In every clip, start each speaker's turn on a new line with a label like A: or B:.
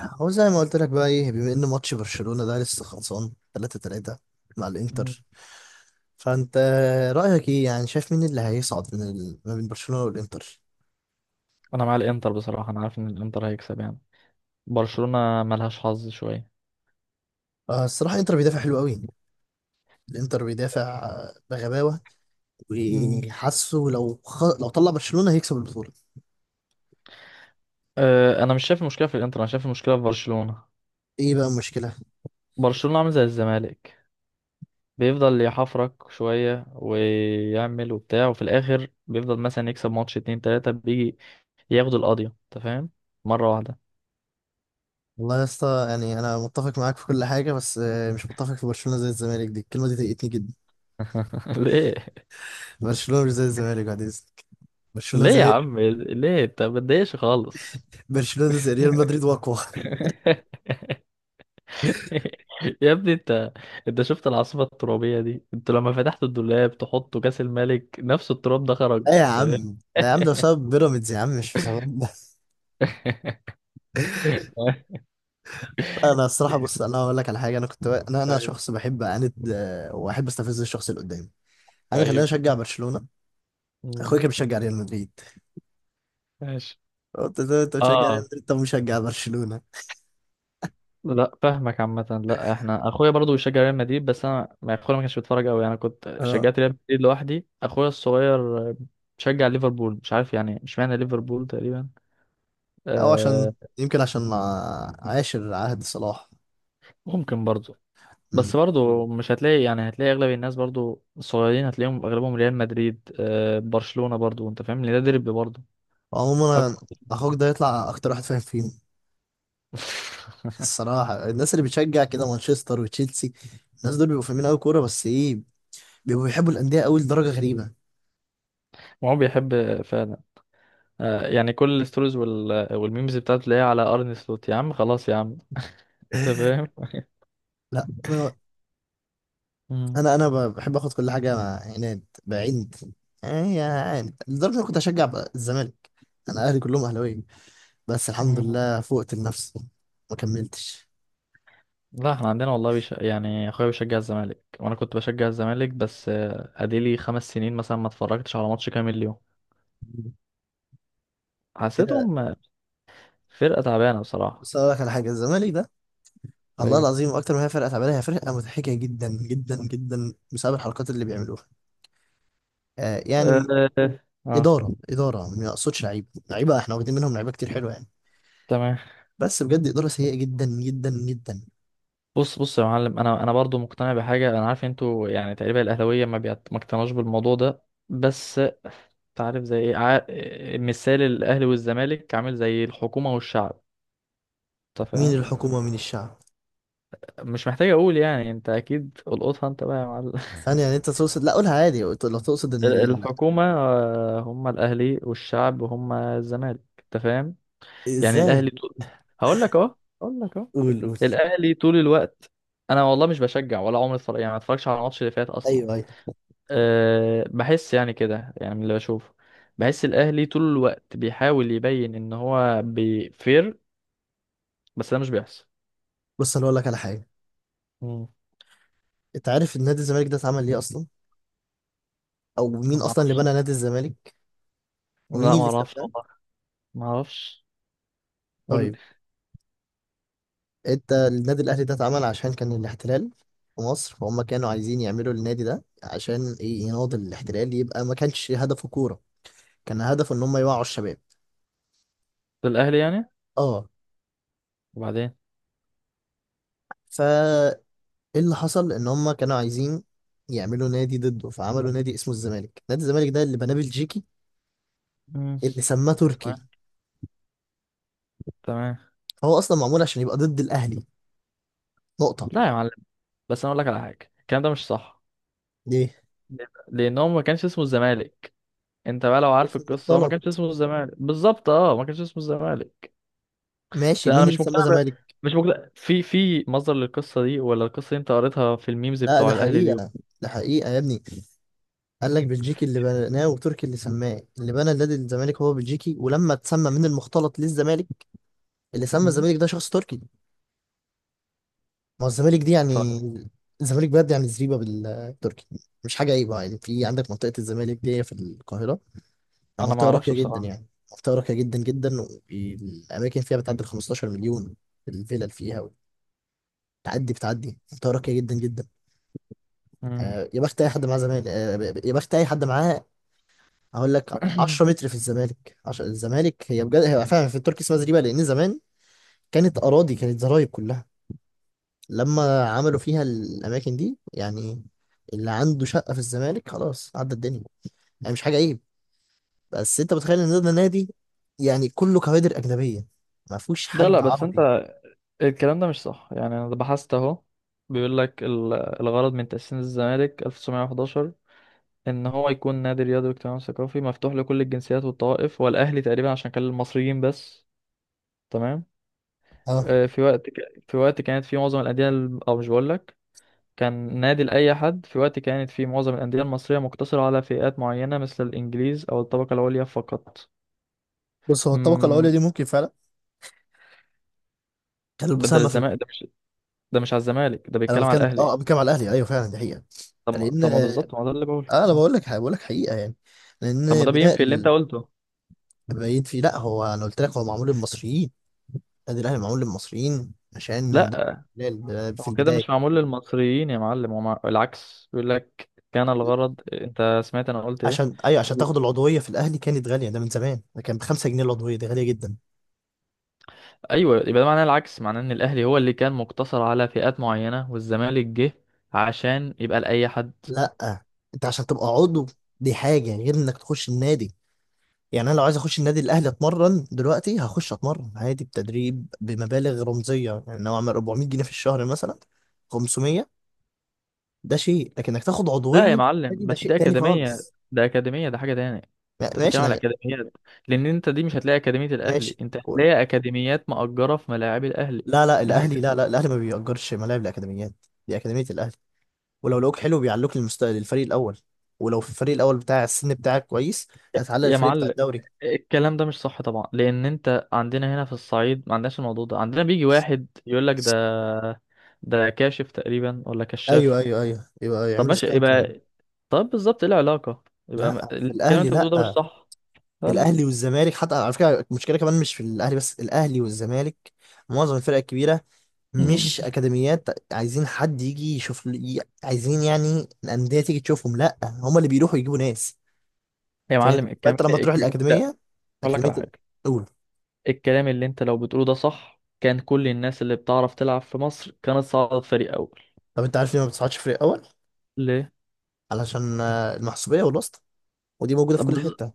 A: هو زي ما قلت لك بقى، ايه، بما ان ماتش برشلونة ده لسه خلصان 3-3 مع
B: مم.
A: الانتر. فانت رأيك ايه؟ يعني شايف مين اللي هيصعد من ما بين برشلونة والانتر؟
B: انا مع الانتر بصراحه، عارف ان الانتر هيكسب يعني برشلونه ملهاش حظ شويه.
A: آه، الصراحة الانتر بيدافع حلو قوي، الانتر بيدافع بغباوة.
B: مم.
A: وحاسه لو طلع برشلونة هيكسب البطولة.
B: انا مش شايف المشكله في الانتر، انا شايف المشكله في برشلونه.
A: ايه بقى المشكلة؟
B: برشلونه عامل زي الزمالك، بيفضل يحفرك شويه ويعمل وبتاع، وفي الاخر بيفضل مثلا يكسب ماتش اتنين تلاته بيجي ياخد القضيه، انت فاهم، مره واحده.
A: والله يا اسطى يعني انا متفق معاك في كل حاجة، بس مش متفق في برشلونة زي الزمالك، دي الكلمة دي ضايقتني جدا.
B: ليه؟
A: برشلونة مش زي الزمالك بعد اذنك. برشلونة
B: ليه يا
A: زي،
B: عم؟ ليه؟ انت ما تضايقش خالص.
A: برشلونة زي ريال مدريد واقوى.
B: يا ابني انت، انت شفت العاصفة الترابية دي؟ انت لما فتحت الدولاب تحطه كاس الملك نفس التراب ده خرج،
A: ايه يا
B: انت فاهم؟
A: عم؟ ده يا عم ده بسبب بيراميدز يا عم، مش بسبب ده. انا الصراحه، بص، انا هقول لك على حاجه. انا كنت انا
B: ايوه.
A: شخص بحب اعاند، واحب استفز الشخص اللي قدامي. انا خلاني
B: ايوه.
A: اشجع برشلونه.
B: مم.
A: اخويا كان بيشجع ريال مدريد،
B: ماشي.
A: قلت له انت بتشجع ريال
B: اه.
A: مدريد؟ طب مشجع برشلونه.
B: لا فاهمك عامة. لا، احنا اخويا برضو بيشجع ريال مدريد، بس انا ما اخويا ما كانش بيتفرج قوي، انا كنت
A: اه.
B: شجعت ريال مدريد لوحدي. اخويا الصغير بيشجع ليفربول، مش عارف يعني، مش معنى ليفربول تقريبا.
A: او
B: آه.
A: عشان يمكن عشان عاشر عهد صلاح.
B: ممكن برضو. بس
A: مم.
B: برضو مش هتلاقي يعني، هتلاقي اغلب الناس برضو الصغيرين هتلاقيهم اغلبهم ريال مدريد، برشلونة برضو، انت فاهم ان ده ديربي برضو.
A: عموما
B: أقوى.
A: اخوك ده يطلع اكتر واحد فاهم فيهم. الصراحه الناس اللي بتشجع كده مانشستر وتشيلسي، الناس دول بيبقوا فاهمين قوي كوره، بس ايه، بيبقوا بيحبوا الانديه قوي لدرجه غريبه.
B: وهو بيحب فعلا. يعني كل الستوريز وال- والميمز بتاعته تلاقيها على ارن سلوت. يا عم خلاص يا عم، انت فاهم.
A: لا انا،
B: مم.
A: انا بحب اخد كل حاجه مع عناد بعيد. يعني يعني لدرجه إن انا كنت اشجع بقى الزمالك. انا اهلي كلهم اهلاويه، بس الحمد
B: مم.
A: لله فوقت النفس ما كملتش
B: لا احنا عندنا والله يعني اخويا بيشجع الزمالك، وانا كنت بشجع الزمالك، بس اديلي 5 سنين مثلا ما اتفرجتش على ماتش كامل اليوم.
A: كده.
B: حسيتهم فرقة تعبانة بصراحة.
A: بس اقول لك على حاجه، الزمالك ده والله
B: ايوه.
A: العظيم اكتر ما هي فرقه تعبانه، هي فرقه مضحكه جدا جدا جدا بسبب الحركات اللي بيعملوها. آه
B: اه.
A: يعني
B: آه. آه.
A: اداره ما اقصدش لعيبه، لعيبه احنا واخدين منهم لعيبه كتير حلوه يعني،
B: تمام.
A: بس بجد اداره سيئه جدا جدا جدا.
B: بص بص يا معلم، انا برضو مقتنع بحاجه. انا عارف انتوا يعني تقريبا الاهلاويه ما اقتنعوش بالموضوع ده، بس تعرف زي ايه مثال الاهلي والزمالك عامل زي الحكومه والشعب، انت
A: مين
B: فاهم.
A: الحكومه مين الشعب؟
B: مش محتاج اقول يعني، انت اكيد القطها انت بقى يا معلم.
A: ثانية يعني انت تقصد، لا قولها عادي، لو تقصد ان
B: الحكومه هم الاهلي، والشعب هم الزمالك، انت فاهم. يعني الاهلي
A: ازاي؟
B: طول، هقول لك اهو، هقول لك اهو.
A: قول قول.
B: الاهلي طول الوقت، انا والله مش بشجع ولا عمري اتفرج يعني، ما اتفرجش على الماتش اللي فات اصلا.
A: ايوه ايوه.
B: أه، بحس يعني كده، يعني من اللي بشوفه، بحس الأهلي طول الوقت بيحاول يبين إن هو بيفير، بس ده مش بيحصل.
A: بص انا اقول لك على حاجة.
B: مم.
A: انت عارف نادي الزمالك ده اتعمل ليه اصلا؟ او
B: أنا
A: مين
B: ما
A: اصلا اللي
B: أعرفش.
A: بنى نادي الزمالك؟ ومين
B: لا، ما
A: اللي
B: أعرفش
A: سابه؟
B: والله. ما أعرفش. قول
A: طيب،
B: لي.
A: انت النادي الاهلي ده اتعمل عشان كان الاحتلال في مصر، فهم كانوا عايزين يعملوا النادي ده عشان ايه؟ يناضل الاحتلال. يبقى ما كانش هدفه كورة، كان هدفه ان هم يوعوا الشباب.
B: ده الأهلي يعني،
A: اه.
B: وبعدين.
A: فا ايه اللي حصل؟ ان هم كانوا عايزين يعملوا نادي ضده، فعملوا نادي اسمه الزمالك. نادي الزمالك ده اللي بناه بلجيكي،
B: مم.
A: اللي سماه تركي.
B: تمام. تمام.
A: هو اصلا معمول عشان يبقى ضد الاهلي. نقطه.
B: لا يا معلم، بس أنا أقول لك على حاجة، الكلام ده مش صح.
A: دي
B: ليه بقى؟ لأن هو ما كانش اسمه الزمالك. أنت بقى لو عارف
A: اسم
B: القصة، هو ما
A: مختلط.
B: كانش اسمه الزمالك بالظبط. أه، ما كانش اسمه الزمالك. بس
A: ماشي،
B: انا
A: مين اللي
B: مش
A: سماه زمالك؟
B: مش مقتنع في مصدر للقصه دي، ولا القصه دي انت قريتها في الميمز
A: لا
B: بتوع
A: ده
B: الاهلي اليوم.
A: حقيقه، ده حقيقه يا ابني. قال لك بلجيكي اللي بناه وتركي اللي سماه. اللي بنى النادي الزمالك هو بلجيكي، ولما اتسمى من المختلط للزمالك، اللي سمى
B: مم.
A: الزمالك ده شخص تركي. ما هو الزمالك دي يعني،
B: طيب.
A: الزمالك بجد يعني زريبه بالتركي. مش حاجه عيبه يعني، في عندك منطقه الزمالك دي في القاهره،
B: انا ما
A: منطقة
B: اعرفش
A: راقية جدا
B: بصراحه.
A: يعني، منطقة راقية جدا جدا، والأماكن فيها بتعدي ال 15 مليون، الفلل فيها بتعدي منطقة راقية جدا جدا.
B: مم.
A: آه، يا بخت أي حد معاه زمالك، آه، يا بخت أي حد معاه. هقول لك 10 متر في الزمالك الزمالك هي بجد، هي فعلا في التركي اسمها زريبة، لأن زمان كانت أراضي، كانت زرايب كلها، لما عملوا فيها الأماكن دي يعني. اللي عنده شقة في الزمالك خلاص عدى الدنيا، يعني مش حاجة عيب. بس انت متخيل ان ده نادي يعني كله كوادر اجنبيه، ما فيهوش
B: لا
A: حد
B: لا، بس انت
A: عربي.
B: الكلام ده مش صح يعني، انا بحثت اهو. بيقول لك الغرض من تأسيس الزمالك 1911 ان هو يكون نادي رياضي واجتماعي وثقافي مفتوح لكل الجنسيات والطوائف، والاهلي تقريبا عشان كان للمصريين بس. تمام.
A: اه.
B: في في وقت كانت في معظم او مش بقول لك، كان نادي لأي حد في وقت كانت فيه معظم الأندية المصرية مقتصرة على فئات معينة مثل الإنجليز أو الطبقة العليا فقط.
A: بص هو الطبقه الاولى
B: مم.
A: دي ممكن فعلا كان
B: ده ده
A: المساهمه في،
B: للزمالك ده مش ده مش على الزمالك، ده
A: انا
B: بيتكلم على
A: بتكلم،
B: الأهلي.
A: اه بتكلم على الاهلي، ايوه فعلا دي حقيقه.
B: طب ما
A: لان
B: طب ما بالظبط ما ده اللي بقوله.
A: اه، انا
B: آه.
A: بقول لك حقيقه يعني.
B: طب ما
A: لان
B: ده بينفي اللي أنت قلته.
A: باين فيه. لا هو انا قلت لك هو معمول للمصريين. النادي الاهلي معمول للمصريين عشان
B: لا،
A: ده الاحتلال في
B: هو كده
A: البدايه.
B: مش معمول للمصريين يا معلم، هو العكس، بيقول لك كان الغرض، أنت سمعت أنا قلت إيه؟
A: عشان، ايوه، عشان تاخد العضويه في الاهلي كانت غاليه، ده من زمان ده كان ب 5 جنيه، العضويه دي غاليه جدا.
B: أيوه، يبقى ده معناه العكس، معناه إن الأهلي هو اللي كان مقتصر على فئات معينة، والزمالك جه عشان يبقى لأي حد.
A: لا انت عشان تبقى عضو دي حاجه غير انك تخش النادي. يعني انا لو عايز اخش النادي الاهلي اتمرن دلوقتي، هخش اتمرن عادي بتدريب بمبالغ رمزيه، يعني لو اعمل 400 جنيه في الشهر مثلا، 500، ده شيء. لكن انك تاخد
B: لا يا
A: عضويه في النادي
B: معلم،
A: ده
B: بس
A: شيء
B: دي
A: تاني
B: أكاديمية،
A: خالص.
B: ده أكاديمية، ده حاجة تانية.
A: ما-
B: أنت
A: ماشي
B: بتتكلم
A: ده
B: على
A: غ-
B: أكاديميات، لأن أنت دي مش هتلاقي أكاديمية الأهلي،
A: ماشي
B: أنت
A: قول.
B: هتلاقي أكاديميات مأجرة في ملاعب الأهلي.
A: لا لا
B: ده حاجة
A: الاهلي، لا
B: تانية.
A: لا الاهلي ما بيأجرش ملاعب الاكاديميات. دي اكاديميه الاهلي، ولو لقوك حلو بيعلوك للفريق الاول، ولو في الفريق الاول بتاع السن بتاعك كويس هتعلق
B: يا
A: الفريق بتاع
B: معلم،
A: الدوري.
B: الكلام ده مش صح طبعا، لأن أنت عندنا هنا في الصعيد ما عندناش الموضوع ده، عندنا بيجي واحد يقول لك ده، ده كاشف تقريبا ولا
A: ايوه
B: كشاف.
A: ايوه ايوه، يبقى
B: طب
A: يعملوا
B: ماشي،
A: سكاوتنج.
B: يبقى طب بالظبط إيه العلاقة؟ يبقى ما-
A: لا في
B: الكلام اللي
A: الاهلي،
B: أنت بتقوله ده مش
A: لا
B: صح. لا لا لا.
A: الاهلي والزمالك. حتى على فكره المشكله كمان مش في الاهلي بس، الاهلي والزمالك معظم الفرق الكبيره مش اكاديميات عايزين حد يجي عايزين يعني الانديه تيجي تشوفهم، لا هم اللي بيروحوا يجيبوا ناس.
B: يا
A: فاهم؟
B: معلم، الكلام
A: فانت لما تروح
B: الكلام لا،
A: الاكاديميه،
B: أقول لك
A: اكاديميه
B: على حاجة،
A: الاولى.
B: الكلام اللي انت لو بتقوله ده صح، كان كل الناس اللي بتعرف تلعب في مصر كانت صعدت فريق اول.
A: طب انت عارف ليه ما بتصعدش فريق اول؟
B: ليه؟
A: علشان المحسوبيه والواسطه، ودي موجوده في
B: طب
A: كل
B: بز...
A: حته.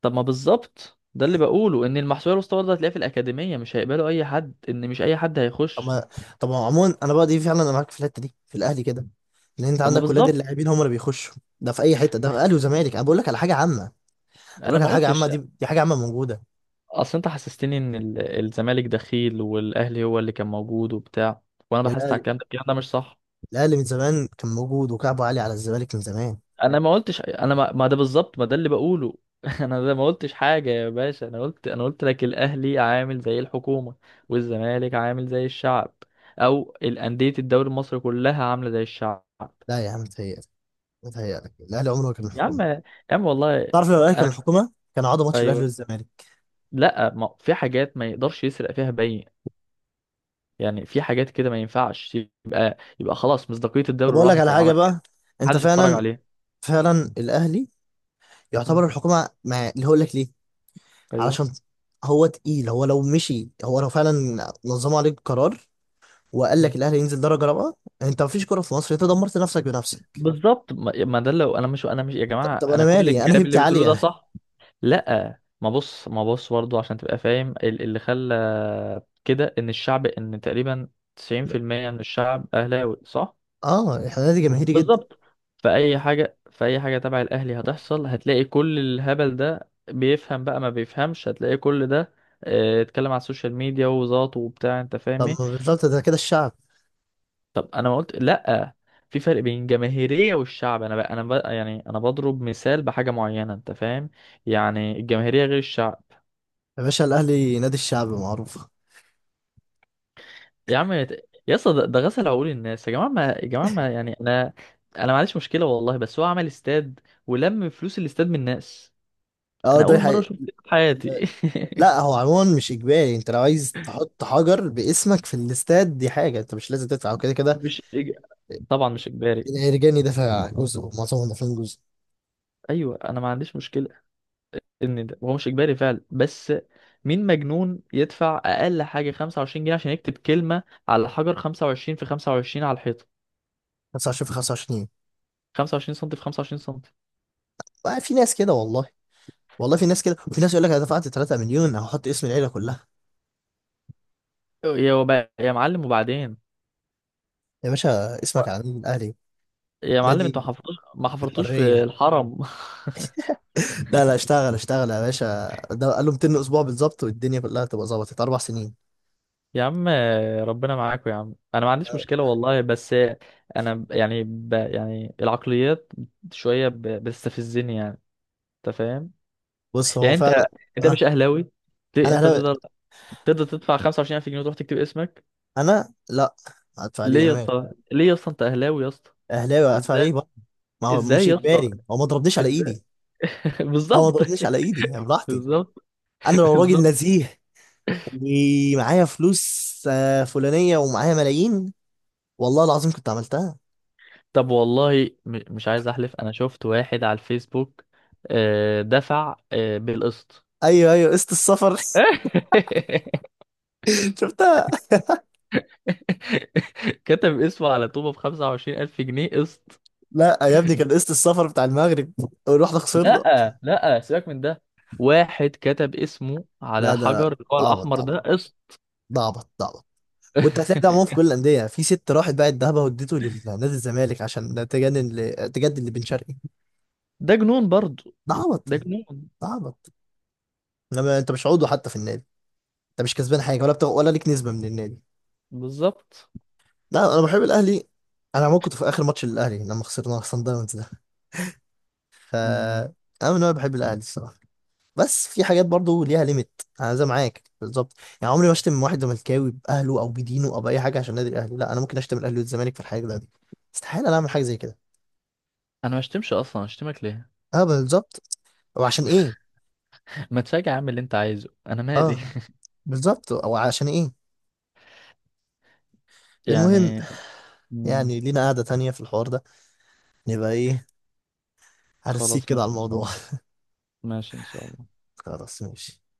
B: طب ما بالظبط ده اللي بقوله، ان المحسوبيه الوسطى ده هتلاقيها في الاكاديميه، مش هيقبلوا اي حد، ان مش اي حد
A: طب
B: هيخش.
A: ما طب ما عموما انا بقى دي فعلا انا معاك في الحته دي، في الاهلي كده، لان انت
B: طب ما
A: عندك ولاد
B: بالظبط،
A: اللاعبين هم اللي بيخشوا. ده في اي حته، ده في اهلي وزمالك، انا بقول لك على حاجه عامه. بقول
B: انا
A: لك
B: ما
A: على حاجه عامه،
B: قلتش.
A: دي دي حاجه عامه موجوده.
B: اصل انت حسستني ان الزمالك دخيل، والاهلي هو اللي كان موجود وبتاع، وانا
A: يا
B: بحثت على
A: الاهلي،
B: الكلام ده، الكلام ده مش صح.
A: الاهلي من زمان كان موجود وكعبه عالي على الزمالك من زمان.
B: انا ما قلتش، انا ما, ما ده بالظبط ما ده اللي بقوله. انا ده ما قلتش حاجه يا باشا، انا قلت لك الاهلي عامل زي الحكومه، والزمالك عامل زي الشعب، او الانديه الدوري المصري كلها عامله زي الشعب.
A: لا يا عم متهيألك، متهيألك. الاهلي عمره ما كان
B: يا
A: الحكومه.
B: عم، يا عم والله.
A: تعرف لو الاهلي كان
B: انا،
A: الحكومه كان عاد ماتش الاهلي
B: ايوه،
A: والزمالك.
B: لا ما في حاجات ما يقدرش يسرق فيها باين، يعني في حاجات كده ما ينفعش يبقى، يبقى خلاص مصداقيه
A: طب
B: الدوري
A: اقول لك
B: راحت
A: على
B: لو
A: حاجه
B: عمل كده،
A: بقى. انت
B: محدش يتفرج
A: فعلا،
B: عليه.
A: فعلا الاهلي
B: مم.
A: يعتبر الحكومه، مع اللي هقول لك ليه؟
B: ايوه.
A: علشان هو تقيل. هو لو فعلا نظموا عليك قرار وقال
B: مم.
A: لك الاهلي ينزل درجه رابعه، انت مفيش كوره في مصر، انت دمرت نفسك بنفسك.
B: بالظبط، ما ده لو انا مش يا
A: طب,
B: جماعه،
A: طب انا
B: انا كل
A: مالي؟ انا
B: الكلام اللي
A: هيبتي
B: بتقولوه ده
A: عاليه.
B: صح. لا ما بص برضو عشان تبقى فاهم، اللي خلى كده ان الشعب ان تقريبا 90% من الشعب اهلاوي صح.
A: اه احنا نادي جماهيري جدا.
B: بالظبط، فاي حاجه تبع الاهلي هتحصل، هتلاقي كل الهبل ده بيفهم بقى ما بيفهمش، هتلاقي كل ده. اتكلم على السوشيال ميديا وزاط وبتاع، انت فاهم
A: طب
B: ايه.
A: ما بالظبط ده كده الشعب.
B: طب انا ما قلت لا، في فرق بين الجماهيريه والشعب. انا بقى يعني انا بضرب مثال بحاجه معينه، انت فاهم، يعني الجماهيريه غير الشعب.
A: يا باشا الاهلي نادي الشعب معروفه.
B: يا عم يا اسطى، ده ده غسل عقول الناس يا جماعه، ما يا جماعه ما يعني انا، انا ما عنديش مشكله والله، بس هو عمل استاد ولم فلوس الاستاد من الناس.
A: اه
B: انا
A: ده
B: اول مره
A: حقيقي.
B: اشوف كده في حياتي.
A: لا هو عموما مش اجباري، انت لو عايز تحط حجر باسمك في الاستاد دي حاجه، انت مش لازم تدفع وكده كده.
B: مش إج... طبعا مش اجباري.
A: الرجاني دافع جزء، معظمهم دافعين جزء.
B: ايوه، انا ما عنديش مشكله ان ده هو مش اجباري فعلا، بس مين مجنون يدفع اقل حاجه 25 جنيه عشان يكتب كلمه على حجر 25 في 25 على الحيطه؟
A: 25 في 25.
B: 25 سم في 25 سم.
A: بقى في ناس كده والله، والله في ناس كده، وفي ناس يقول لك انا دفعت 3 مليون، هحط اسم العيله كلها.
B: يا معلم، وبعدين
A: يا باشا اسمك على النادي الاهلي،
B: يا معلم،
A: نادي
B: انتوا ما حفرتوش، ما حفرتوش في
A: حرية.
B: الحرم.
A: لا لا اشتغل اشتغل يا باشا. ده قال له 200 اسبوع بالظبط والدنيا كلها هتبقى ظبطت 4 سنين.
B: يا عم، ربنا معاكم يا عم، انا ما عنديش مشكله والله، بس انا ب- يعني ب يعني العقليات شويه بتستفزني يعني، انت فاهم.
A: بص هو
B: يعني انت،
A: فعلا.
B: انت
A: اه،
B: مش اهلاوي؟
A: انا
B: انت
A: اهلاوي.
B: تقدر، تقدر تدفع 25,000 جنيه وتروح تكتب اسمك.
A: انا لا، هدفع ليه؟
B: ليه
A: انا
B: يا
A: مالي؟
B: اسطى؟ ليه يا اسطى؟ انت اهلاوي يا اسطى،
A: اهلاوي هدفع
B: ازاي؟
A: ليه بقى؟ ما هو
B: ازاي
A: مش
B: يا اسطى؟
A: اجباري، هو ما ضربنيش على
B: ازاي؟
A: ايدي. هو ما
B: بالظبط.
A: ضربنيش على ايدي، يعني براحتي.
B: بالظبط.
A: انا لو راجل
B: بالظبط.
A: نزيه ومعايا فلوس فلانية ومعايا ملايين، والله العظيم كنت عملتها.
B: طب والله مش عايز احلف، انا شفت واحد على الفيسبوك، دفع بالقسط.
A: ايوه ايوه، قسط السفر. شفتها.
B: كتب اسمه على طوبة ب25,000 جنيه قسط.
A: لا يا ابني، كان قسط السفر بتاع المغرب ورحنا خسرنا.
B: لا لا، سيبك من ده، واحد كتب اسمه
A: لا
B: على
A: ده،
B: حجر اللي هو
A: ده عبط، ده
B: الأحمر ده
A: عبط،
B: قسط.
A: ده عبط، ده عبط. وانت هتلاقي ده عموما في كل الانديه، في ست راحت باعت ذهبها واديته لنادي الزمالك عشان تجدد لبن شرقي.
B: ده جنون برضه.
A: ده عبط،
B: ده جنون.
A: ده عبط. انما انت مش عضو حتى في النادي، انت مش كسبان حاجه ولا بتاع، ولا ليك نسبه من النادي.
B: بالظبط.
A: لا انا بحب الاهلي. انا عموما كنت في اخر ماتش للاهلي لما خسرنا صن داونز ده. ف
B: مم.
A: انا من النوع اللي بحب الاهلي الصراحه، بس في حاجات برضو ليها ليميت، انا زي معاك بالظبط. يعني عمري ما اشتم واحد زملكاوي باهله او بدينه او باي حاجه عشان نادي الاهلي، لا. انا ممكن اشتم الاهلي والزمالك في الحاجه دي، استحاله انا اعمل حاجه زي كده.
B: أنا ما اشتمش أصلا، اشتمك ليه؟
A: اه بالظبط، او عشان ايه؟
B: ما تراجع، اعمل اللي أنت عايزه، أنا مالي.
A: اه بالظبط او عشان ايه المهم،
B: يعني. مم.
A: يعني لينا قعده تانية في الحوار ده، نبقى ايه، هرسيك
B: خلاص
A: كده على
B: ماشي إن شاء
A: الموضوع.
B: الله. ماشي إن شاء الله.
A: خلاص ماشي.